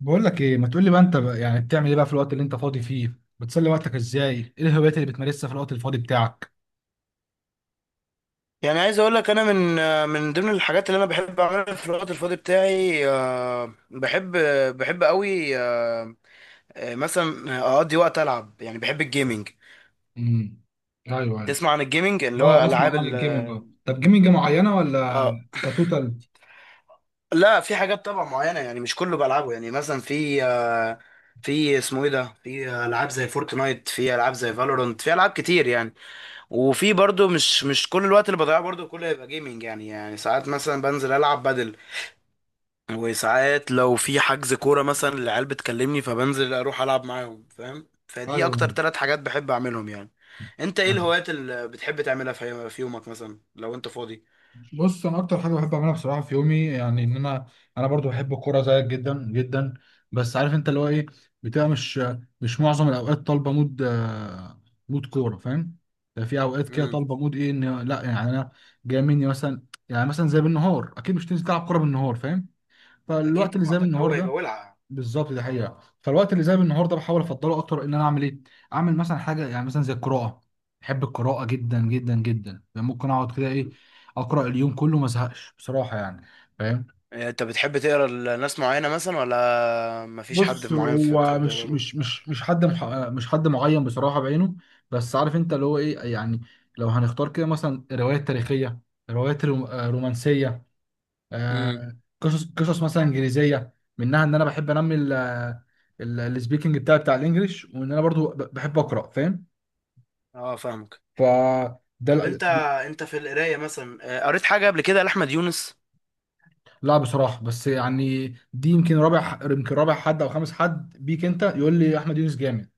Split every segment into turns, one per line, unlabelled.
بقول لك ايه؟ ما تقول لي بقى انت بقى، يعني بتعمل ايه بقى في الوقت اللي انت فاضي فيه؟ بتسلي وقتك ازاي؟ ايه الهوايات اللي بتمارسها في الوقت الفاضي بتاعك؟
يعني عايز اقول لك انا من ضمن الحاجات اللي انا بحب اعملها في الوقت الفاضي بتاعي، بحب قوي. مثلا اقضي وقت العب، يعني بحب الجيمنج.
امم. ايوه، ايوه.
تسمع عن الجيمنج؟ اللي هو
اه،
العاب
اسمع عن
ال
الجيمنج، اه طب جيمنج معينه ولا
اه
كتوتال؟
لا، في حاجات طبعا معينه، يعني مش كله بلعبه. يعني مثلا في في اسمه ايه ده، في العاب زي فورتنايت، في العاب زي فالورانت، في العاب كتير يعني. وفي برضو مش كل الوقت اللي بضيعه برضو كله يبقى جيمنج. يعني ساعات مثلا بنزل العب بدل. وساعات لو في حجز كورة مثلا العيال بتكلمني، فبنزل اروح العب معاهم، فاهم؟ فدي
ايوه.
اكتر ثلاث حاجات بحب اعملهم يعني. انت ايه الهوايات اللي بتحب تعملها في يومك مثلا لو انت فاضي؟
بص، انا اكتر حاجه بحب اعملها بصراحه في يومي، يعني ان انا برضو بحب الكوره زيك جدا جدا. بس عارف انت اللي هو ايه، بتبقى مش معظم الاوقات طالبه مود، مود كوره فاهم. يعني في اوقات كده
امم.
طالبه مود ايه، ان لا، يعني انا جاي مني مثلا. يعني مثلا زي بالنهار، اكيد مش تنزل تلعب كوره بالنهار فاهم، فالوقت
اكيد
اللي
طبعا،
زي
ده
بالنهار
الجو يبقى
ده.
ولع.
بالظبط، دي حقيقه، فالوقت اللي زي النهارده بحاول افضله اكتر ان انا اعمل ايه؟ اعمل مثلا حاجه، يعني مثلا زي القراءه. بحب القراءه جدا جدا جدا، يعني ممكن اقعد كده ايه، اقرا اليوم كله ما ازهقش بصراحه يعني فاهم.
انت بتحب تقرا لناس معينة مثلا، ولا مفيش حد
بص،
معين في
هو
بتحب
مش
تقرا له؟
مش مش مش مش حد معين بصراحه بعينه. بس عارف انت اللي هو ايه، يعني لو هنختار كده مثلا روايات تاريخيه، روايات رومانسيه،
امم.
قصص قصص مثلا انجليزيه، منها ان انا بحب انمي السبيكنج بتاعي بتاع الانجليش، وان انا برضو بحب اقرا فاهم.
اه فاهمك.
ف ده
طب
لا.
انت، انت في القراية مثلا، قريت حاجة قبل كده لأحمد يونس؟
لا بصراحه، بس يعني دي يمكن رابع حد او خامس حد بيك انت يقول لي احمد يونس جامد.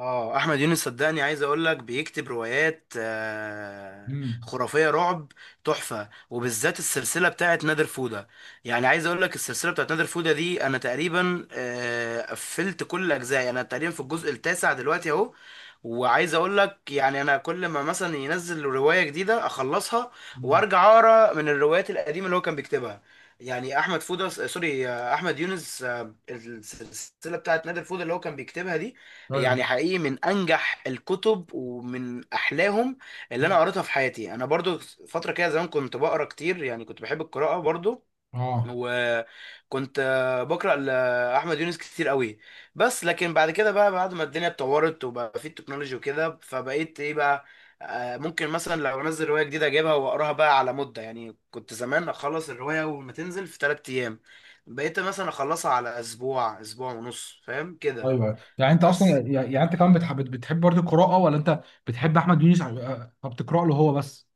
اه، احمد يونس صدقني عايز اقول لك بيكتب روايات
امم.
خرافيه رعب، تحفه، وبالذات السلسله بتاعت نادر فوده. يعني عايز اقول لك السلسله بتاعت نادر فوده دي انا تقريبا قفلت كل الاجزاء، انا تقريبا في الجزء التاسع دلوقتي اهو. وعايز اقول لك يعني انا كل ما مثلا ينزل روايه جديده اخلصها،
مم.
وارجع اقرا من الروايات القديمه اللي هو كان بيكتبها. يعني احمد فوده سوري، احمد يونس، السلسله بتاعت نادر فوده اللي هو كان بيكتبها دي، يعني
ايوه.
حقيقي من انجح الكتب ومن احلاهم اللي انا
مم.
قريتها في حياتي. انا برضو فتره كده زمان كنت بقرا كتير، يعني كنت بحب القراءه برضو.
اه.
وكنت بقرا لاحمد يونس كتير قوي. بس لكن بعد كده بقى، بعد ما الدنيا اتطورت وبقى في التكنولوجي وكده، فبقيت ايه بقى، ممكن مثلا لو انزل روايه جديده اجيبها واقراها بقى على مده. يعني كنت زمان اخلص الروايه اول ما تنزل في 3 ايام، بقيت مثلا اخلصها على اسبوع، اسبوع ونص، فاهم كده؟
ايوه، يعني انت اصلا
بس
يعني انت كمان بتحب برضه القراءه، ولا انت بتحب احمد يونس، فبتقرا له هو بس؟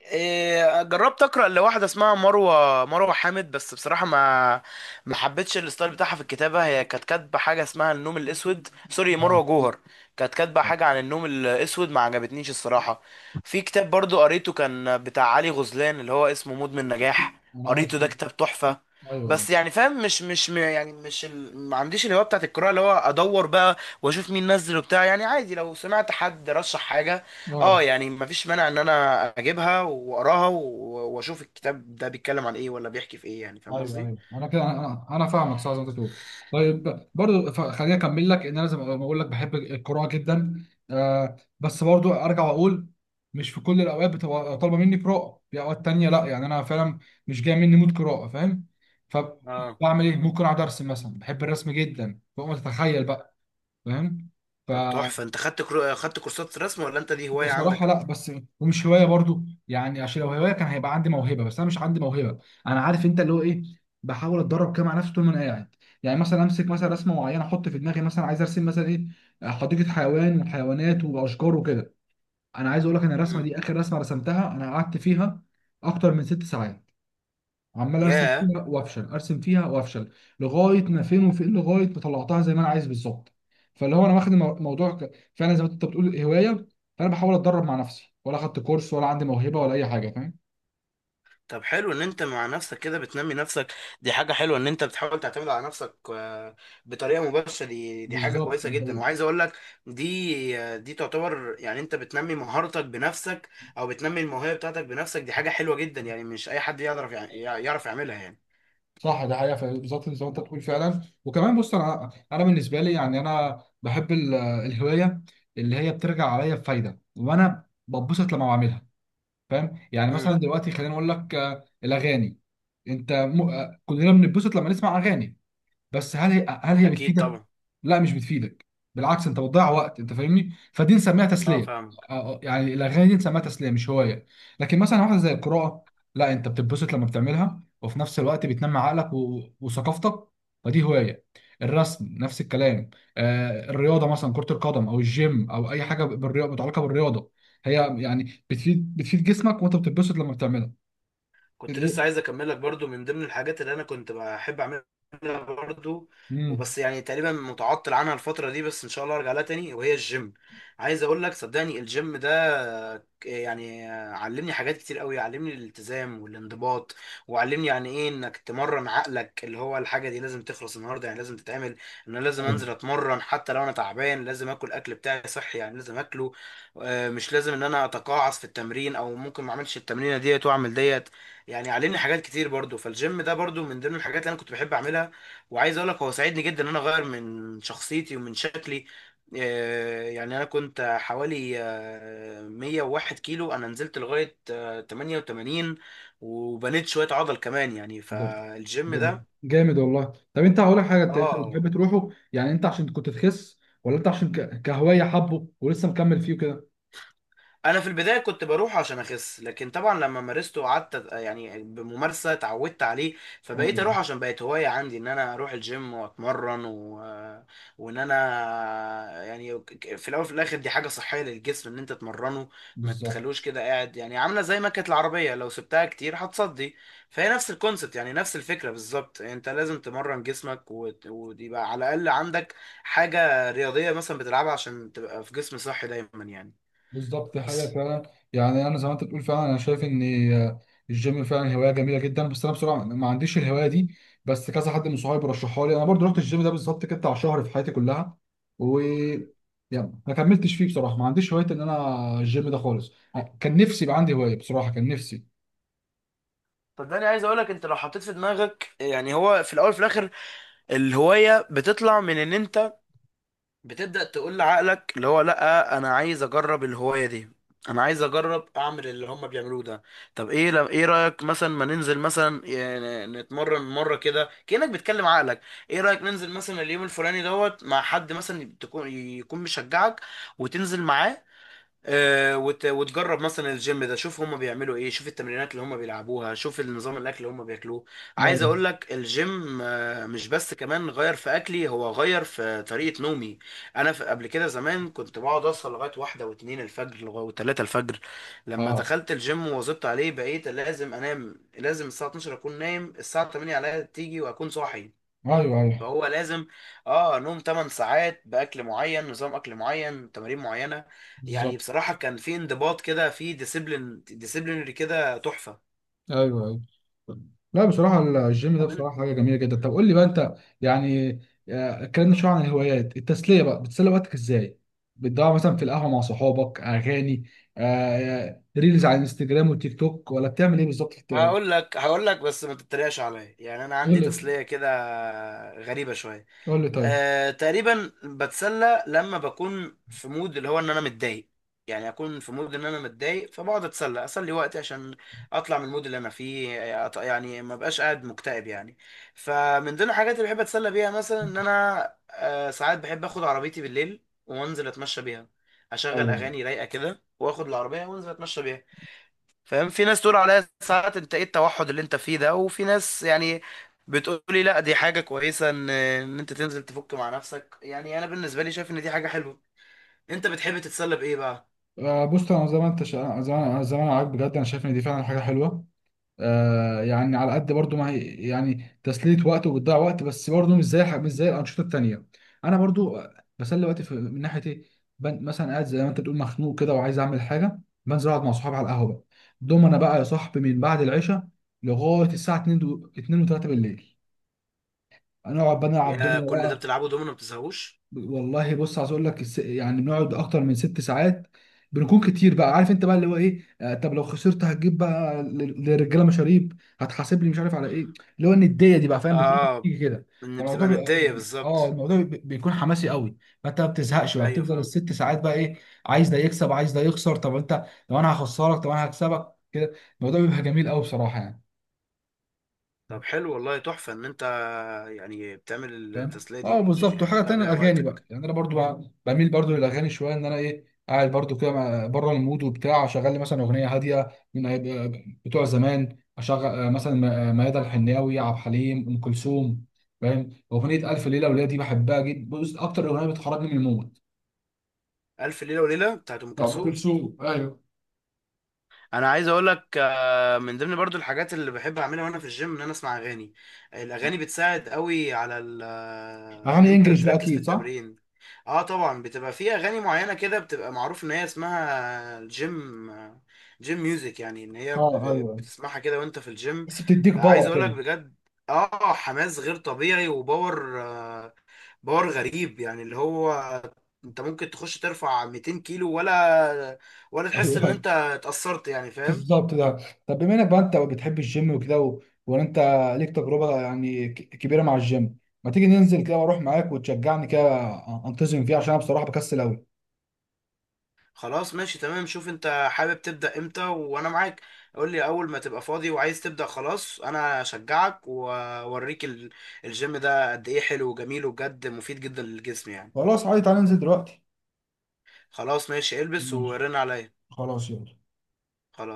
جربت اقرا لواحده اسمها مروه حامد، بس بصراحه ما حبيتش الستايل بتاعها في الكتابه. هي كانت كاتبه حاجه اسمها النوم الاسود، سوري
اه.
مروه جوهر. كانت كاتبه حاجه عن النوم الاسود، ما عجبتنيش الصراحه. في كتاب برضو قريته كان بتاع علي غزلان اللي هو اسمه مدمن نجاح،
انا
قريته ده
اصلا.
كتاب تحفه.
ايوه.
بس يعني فاهم، مش مش م- يعني مش ال... ما عنديش الهوايه بتاعت القراءه اللي هو ادور بقى واشوف مين نزل وبتاع. يعني عادي لو سمعت حد رشح حاجه،
اه،
اه، يعني مفيش مانع ان انا اجيبها واقراها واشوف الكتاب ده بيتكلم عن ايه ولا بيحكي في ايه. يعني فاهم
ايوه
قصدي؟
ايوه، انا كده انا فاهمك صح زي ما انت بتقول. طيب برضو، خليني اكمل لك ان انا زي ما بقول لك بحب القراءه جدا، بس برضو ارجع واقول، مش في كل الاوقات بتبقى طالبه مني قراءه، في اوقات تانية لا، يعني انا فعلا مش جاي مني مود قراءه فاهم.
اه.
فبعمل ايه؟ ممكن اقعد ارسم مثلا، بحب الرسم جدا فوق ما تتخيل بقى فاهم. ف
طب تحفه، انت خدت خدت كورسات رسم ولا انت دي هوايه
بصراحة
عندك؟
لا، بس ومش هواية برضو، يعني عشان لو هواية كان هيبقى عندي موهبة، بس أنا مش عندي موهبة. أنا عارف أنت اللي هو إيه، بحاول أتدرب كده مع نفسي طول ما أنا قاعد. يعني مثلا أمسك مثلا رسمة معينة، أحط في دماغي مثلا عايز أرسم مثلا إيه؟ حديقة حيوان، وحيوانات وأشجار وكده. أنا عايز أقول لك إن الرسمة
امم.
دي آخر رسمة رسمتها أنا قعدت فيها أكتر من 6 ساعات، عمال ارسم
ياه.
فيها وافشل، ارسم فيها وافشل، لغايه ما فين وفين، لغايه ما طلعتها زي ما انا عايز بالظبط. فاللي هو انا واخد الموضوع فعلا زي ما انت بتقول هوايه، فانا بحاول اتدرب مع نفسي، ولا اخدت كورس ولا عندي موهبه ولا اي حاجه فاهم.
طب حلو ان انت مع نفسك كده بتنمي نفسك، دي حاجه حلوه ان انت بتحاول تعتمد على نفسك، بطريقه مباشره، دي حاجه
بالظبط،
كويسه
دي
جدا.
حقيقة.
وعايز اقول لك، دي دي تعتبر يعني انت بتنمي مهارتك بنفسك، او بتنمي الموهبه بتاعتك بنفسك، دي حاجه حلوه جدا. يعني مش اي حد يعرف يعرف يعملها يعني.
صح، ده حقيقه فعلا. بالظبط زي ما انت بتقول فعلا. وكمان بص، انا بالنسبه لي يعني انا بحب الهوايه اللي هي بترجع عليا بفايده وانا بتبسط لما بعملها فاهم. يعني مثلا دلوقتي خليني اقول لك، الاغاني، انت م... آه، كلنا بنتبسط لما نسمع اغاني، بس هل هي
اكيد
بتفيدك؟
طبعا.
لا، مش بتفيدك، بالعكس انت بتضيع وقت، انت فاهمني؟ فدي نسميها
اه
تسليه.
فاهم.
يعني الاغاني دي نسميها تسليه مش هوايه، لكن مثلا واحده زي القراءه، لا، انت بتتبسط لما بتعملها، وفي نفس الوقت بتنمي عقلك وثقافتك، فدي هوايه. الرسم نفس الكلام. الرياضه مثلا، كره القدم او الجيم او اي حاجه بالرياضه، متعلقه بالرياضه، هي يعني بتفيد جسمك، وانت بتتبسط لما بتعملها.
كنت لسه عايز اكمل لك، برضو من ضمن الحاجات اللي انا كنت بحب اعملها برضو،
امم.
وبس يعني تقريبا متعطل عنها الفترة دي، بس ان شاء الله ارجع لها تاني، وهي الجيم. عايز اقول لك صدقني الجيم ده يعني علمني حاجات كتير قوي، علمني الالتزام والانضباط، وعلمني يعني ايه انك تمرن عقلك، اللي هو الحاجة دي لازم تخلص النهاردة، يعني لازم تتعمل، ان انا لازم انزل اتمرن حتى لو انا تعبان، لازم اكل اكل بتاعي صحي، يعني لازم اكله. مش لازم ان انا اتقاعس في التمرين، او ممكن ما اعملش التمرينة ديت واعمل ديت. يعني علمني حاجات كتير برضو. فالجيم ده برضو من ضمن الحاجات اللي انا كنت بحب اعملها. وعايز اقول لك هو ساعدني جدا ان انا اغير من شخصيتي ومن شكلي. يعني انا كنت حوالي 101 كيلو، انا نزلت لغاية 88، وبنيت شوية عضل كمان يعني.
ده
فالجيم
ده
ده،
جامد والله. طب انت هقول لك حاجه، انت
اه.
بتحب تروحه يعني انت عشان كنت تخس، ولا انت عشان كهوايه حبه ولسه مكمل فيه كده؟
انا في البدايه كنت بروح عشان اخس، لكن طبعا لما مارسته وقعدت يعني بممارسه اتعودت عليه، فبقيت
ايوه.
اروح عشان بقت هوايه عندي ان انا اروح الجيم واتمرن وان انا يعني في الاول وفي الاخر دي حاجه صحيه للجسم ان انت تمرنه. ما تخلوش
بالظبط.
كده قاعد، يعني عامله زي مكنه العربيه، لو سبتها كتير هتصدي. فهي نفس الكونسبت، يعني نفس الفكره بالظبط، انت لازم تمرن جسمك ويبقى على الاقل عندك حاجه رياضيه مثلا بتلعبها عشان تبقى في جسم صحي دايما يعني.
بالظبط، دي حقيقة
بس
فعلا. يعني أنا زي ما أنت بتقول فعلا، أنا شايف إن آه، الجيم فعلا هواية جميلة جدا، بس أنا بصراحة ما عنديش الهواية دي، بس كذا حد من صحابي رشحها لي. أنا برضو رحت الجيم ده بالظبط كده بتاع شهر في حياتي كلها، و يعني ما كملتش فيه بصراحة، ما عنديش هواية إن أنا الجيم ده خالص. كان نفسي يبقى عندي هواية بصراحة، كان نفسي.
صدقني عايز اقولك، انت لو حطيت في دماغك، يعني هو في الاول وفي الاخر الهواية بتطلع من ان انت بتبدأ تقول لعقلك اللي هو لا، انا عايز اجرب الهواية دي، انا عايز اجرب اعمل اللي هم بيعملوه ده. طب ايه، لو ايه رأيك مثلا ما ننزل مثلا يعني نتمرن مرة كده، كأنك بتكلم عقلك. ايه رأيك ننزل مثلا اليوم الفلاني دوت مع حد مثلا تكون يكون مشجعك وتنزل معاه، وتجرب مثلا الجيم ده، شوف هما بيعملوا ايه، شوف التمرينات اللي هما بيلعبوها، شوف النظام الاكل اللي هما بياكلوه. عايز
ايوه.
اقول لك الجيم مش بس كمان غير في اكلي، هو غير في طريقة نومي. انا في قبل كده زمان كنت بقعد اوصل لغاية واحدة واتنين الفجر، لغاية وتلاتة الفجر. لما
اه.
دخلت الجيم وواظبت عليه بقيت لازم انام، لازم الساعة 12 اكون نايم، الساعة 8 عليا تيجي واكون صاحي.
ايوه، ايوه.
فهو لازم، اه، نوم 8 ساعات، باكل معين، نظام اكل معين، تمارين معينه. يعني
بالظبط.
بصراحه كان في انضباط كده، في ديسيبلين ديسيبلينري كده تحفه.
ايوه، ايوه. لا بصراحه، الجيم ده
طب أنت-
بصراحه حاجه جميله جدا. طب قول لي بقى انت، يعني اتكلمنا شويه عن الهوايات. التسليه بقى، بتسلي وقتك ازاي؟ بتضيع مثلا في القهوه مع صحابك، اغاني، ريلز على الانستجرام والتيك توك، ولا بتعمل ايه بالظبط في
هقول لك بس ما تتريقش عليا، يعني انا
قول
عندي
لي.
تسليه كده غريبه شويه.
قول لي طيب.
آه، تقريبا بتسلى لما بكون في مود اللي هو ان انا متضايق، يعني اكون في مود ان انا متضايق، فبقعد اتسلى اسلي وقتي عشان اطلع من المود اللي انا فيه. يعني ما بقاش قاعد مكتئب يعني. فمن ضمن الحاجات اللي بحب اتسلى بيها مثلا ان انا، آه، ساعات بحب اخد عربيتي بالليل وانزل اتمشى بيها، اشغل
ايوه.
اغاني رايقه كده واخد العربيه وانزل اتمشى بيها، فاهم؟ في ناس تقول عليها ساعات انت ايه التوحد اللي انت فيه ده، وفي ناس يعني بتقولي لا دي حاجة كويسة ان ان انت تنزل تفك مع نفسك. يعني انا بالنسبة لي شايف ان دي حاجة حلوة. انت بتحب تتسلى بايه بقى؟
بص، انا زي ما انا عاجب بجد، انا شايف ان دي فعلا حاجه حلوه. يعني على قد برضو ما هي يعني تسلية وقت وبتضيع وقت، بس برضو مش زي مش زي الأنشطة التانية. أنا برضو بسلي وقتي في، من ناحية إيه، مثلا قاعد زي ما أنت بتقول مخنوق كده وعايز أعمل حاجة، بنزل أقعد مع صحابي على القهوة بقى. دوم أنا بقى يا صاحبي من بعد العشاء لغاية الساعة 2 و 2 و3 بالليل، هنقعد بقى نلعب
يا كل ده
دومينو.
بتلعبه دومينو ما بتزهقوش؟
والله بص، عايز اقول لك يعني بنقعد اكتر من 6 ساعات، بنكون كتير بقى عارف انت بقى اللي هو ايه. طب لو خسرت هتجيب بقى للرجاله مشاريب، هتحاسب لي مش عارف على ايه، اللي هو النديه دي بقى فاهم، بتيجي
اه،
بتيجي كده.
ان
فالموضوع
بتبقى
بيبقى-
ندية
اه
بالظبط.
الموضوع بيكون حماسي قوي. فانت ما بتزهقش بقى،
ايوه
بتفضل
فاهم.
الست ساعات بقى ايه، عايز ده يكسب، عايز ده يخسر. طب انت، لو انا هخسرك طب انا هكسبك كده، الموضوع بيبقى جميل قوي بصراحه يعني.
طب حلو والله، تحفة ان انت يعني بتعمل
فاهم.
التسلية
اه
دي
بالظبط.
يعني
وحاجه
بتضيع
تانية،
بيها
الاغاني
وقتك.
بقى، يعني انا برضو بميل برضو للاغاني شويه، ان انا ايه، قاعد برضو كده بره المود وبتاع، اشغل لي مثلا اغنيه هاديه من بتوع زمان، اشغل مثلا ميادة الحناوي، عبد الحليم، ام كلثوم فاهم. اغنيه الف ليله وليله دي بحبها جدا، بص اكتر اغنيه بتخرجني من المود.
الف ليلة وليلة بتاعت ام
طب ام
كلثوم.
كلثوم، ايوه.
انا عايز اقول لك، من ضمن برضو الحاجات اللي بحب اعملها وانا في الجيم ان انا اسمع اغاني. الاغاني بتساعد قوي على ان
اغاني
انت
انجلش بقى
تركز في
اكيد، صح.
التمرين. اه طبعا، بتبقى في اغاني معينه كده بتبقى معروف ان هي اسمها جيم، جيم ميوزك، يعني ان هي
اه، ايوه،
بتسمعها كده وانت في الجيم.
بس بتديك
عايز
باور
اقولك
كده.
بجد، اه حماس غير طبيعي وباور، باور غريب، يعني اللي هو انت ممكن تخش ترفع 200 كيلو، ولا تحس ان انت اتأثرت يعني، فاهم؟
بالظبط ده. طب بما انك بقى انت بتحب الجيم وكده وانا انت ليك تجربه يعني كبيره مع الجيم، ما تيجي ننزل كده، واروح معاك وتشجعني كده انتظم فيه عشان انا بصراحه بكسل قوي.
خلاص ماشي تمام، شوف انت حابب تبدأ امتى وانا معاك. قول لي اول ما تبقى فاضي وعايز تبدأ، خلاص انا اشجعك واوريك الجيم ده قد ايه حلو وجميل وبجد مفيد جدا للجسم يعني.
خلاص عادي، تعالى ننزل دلوقتي.
خلاص ماشي، البس
ماشي.
ورن عليا.
خلاص يلا.
خلاص.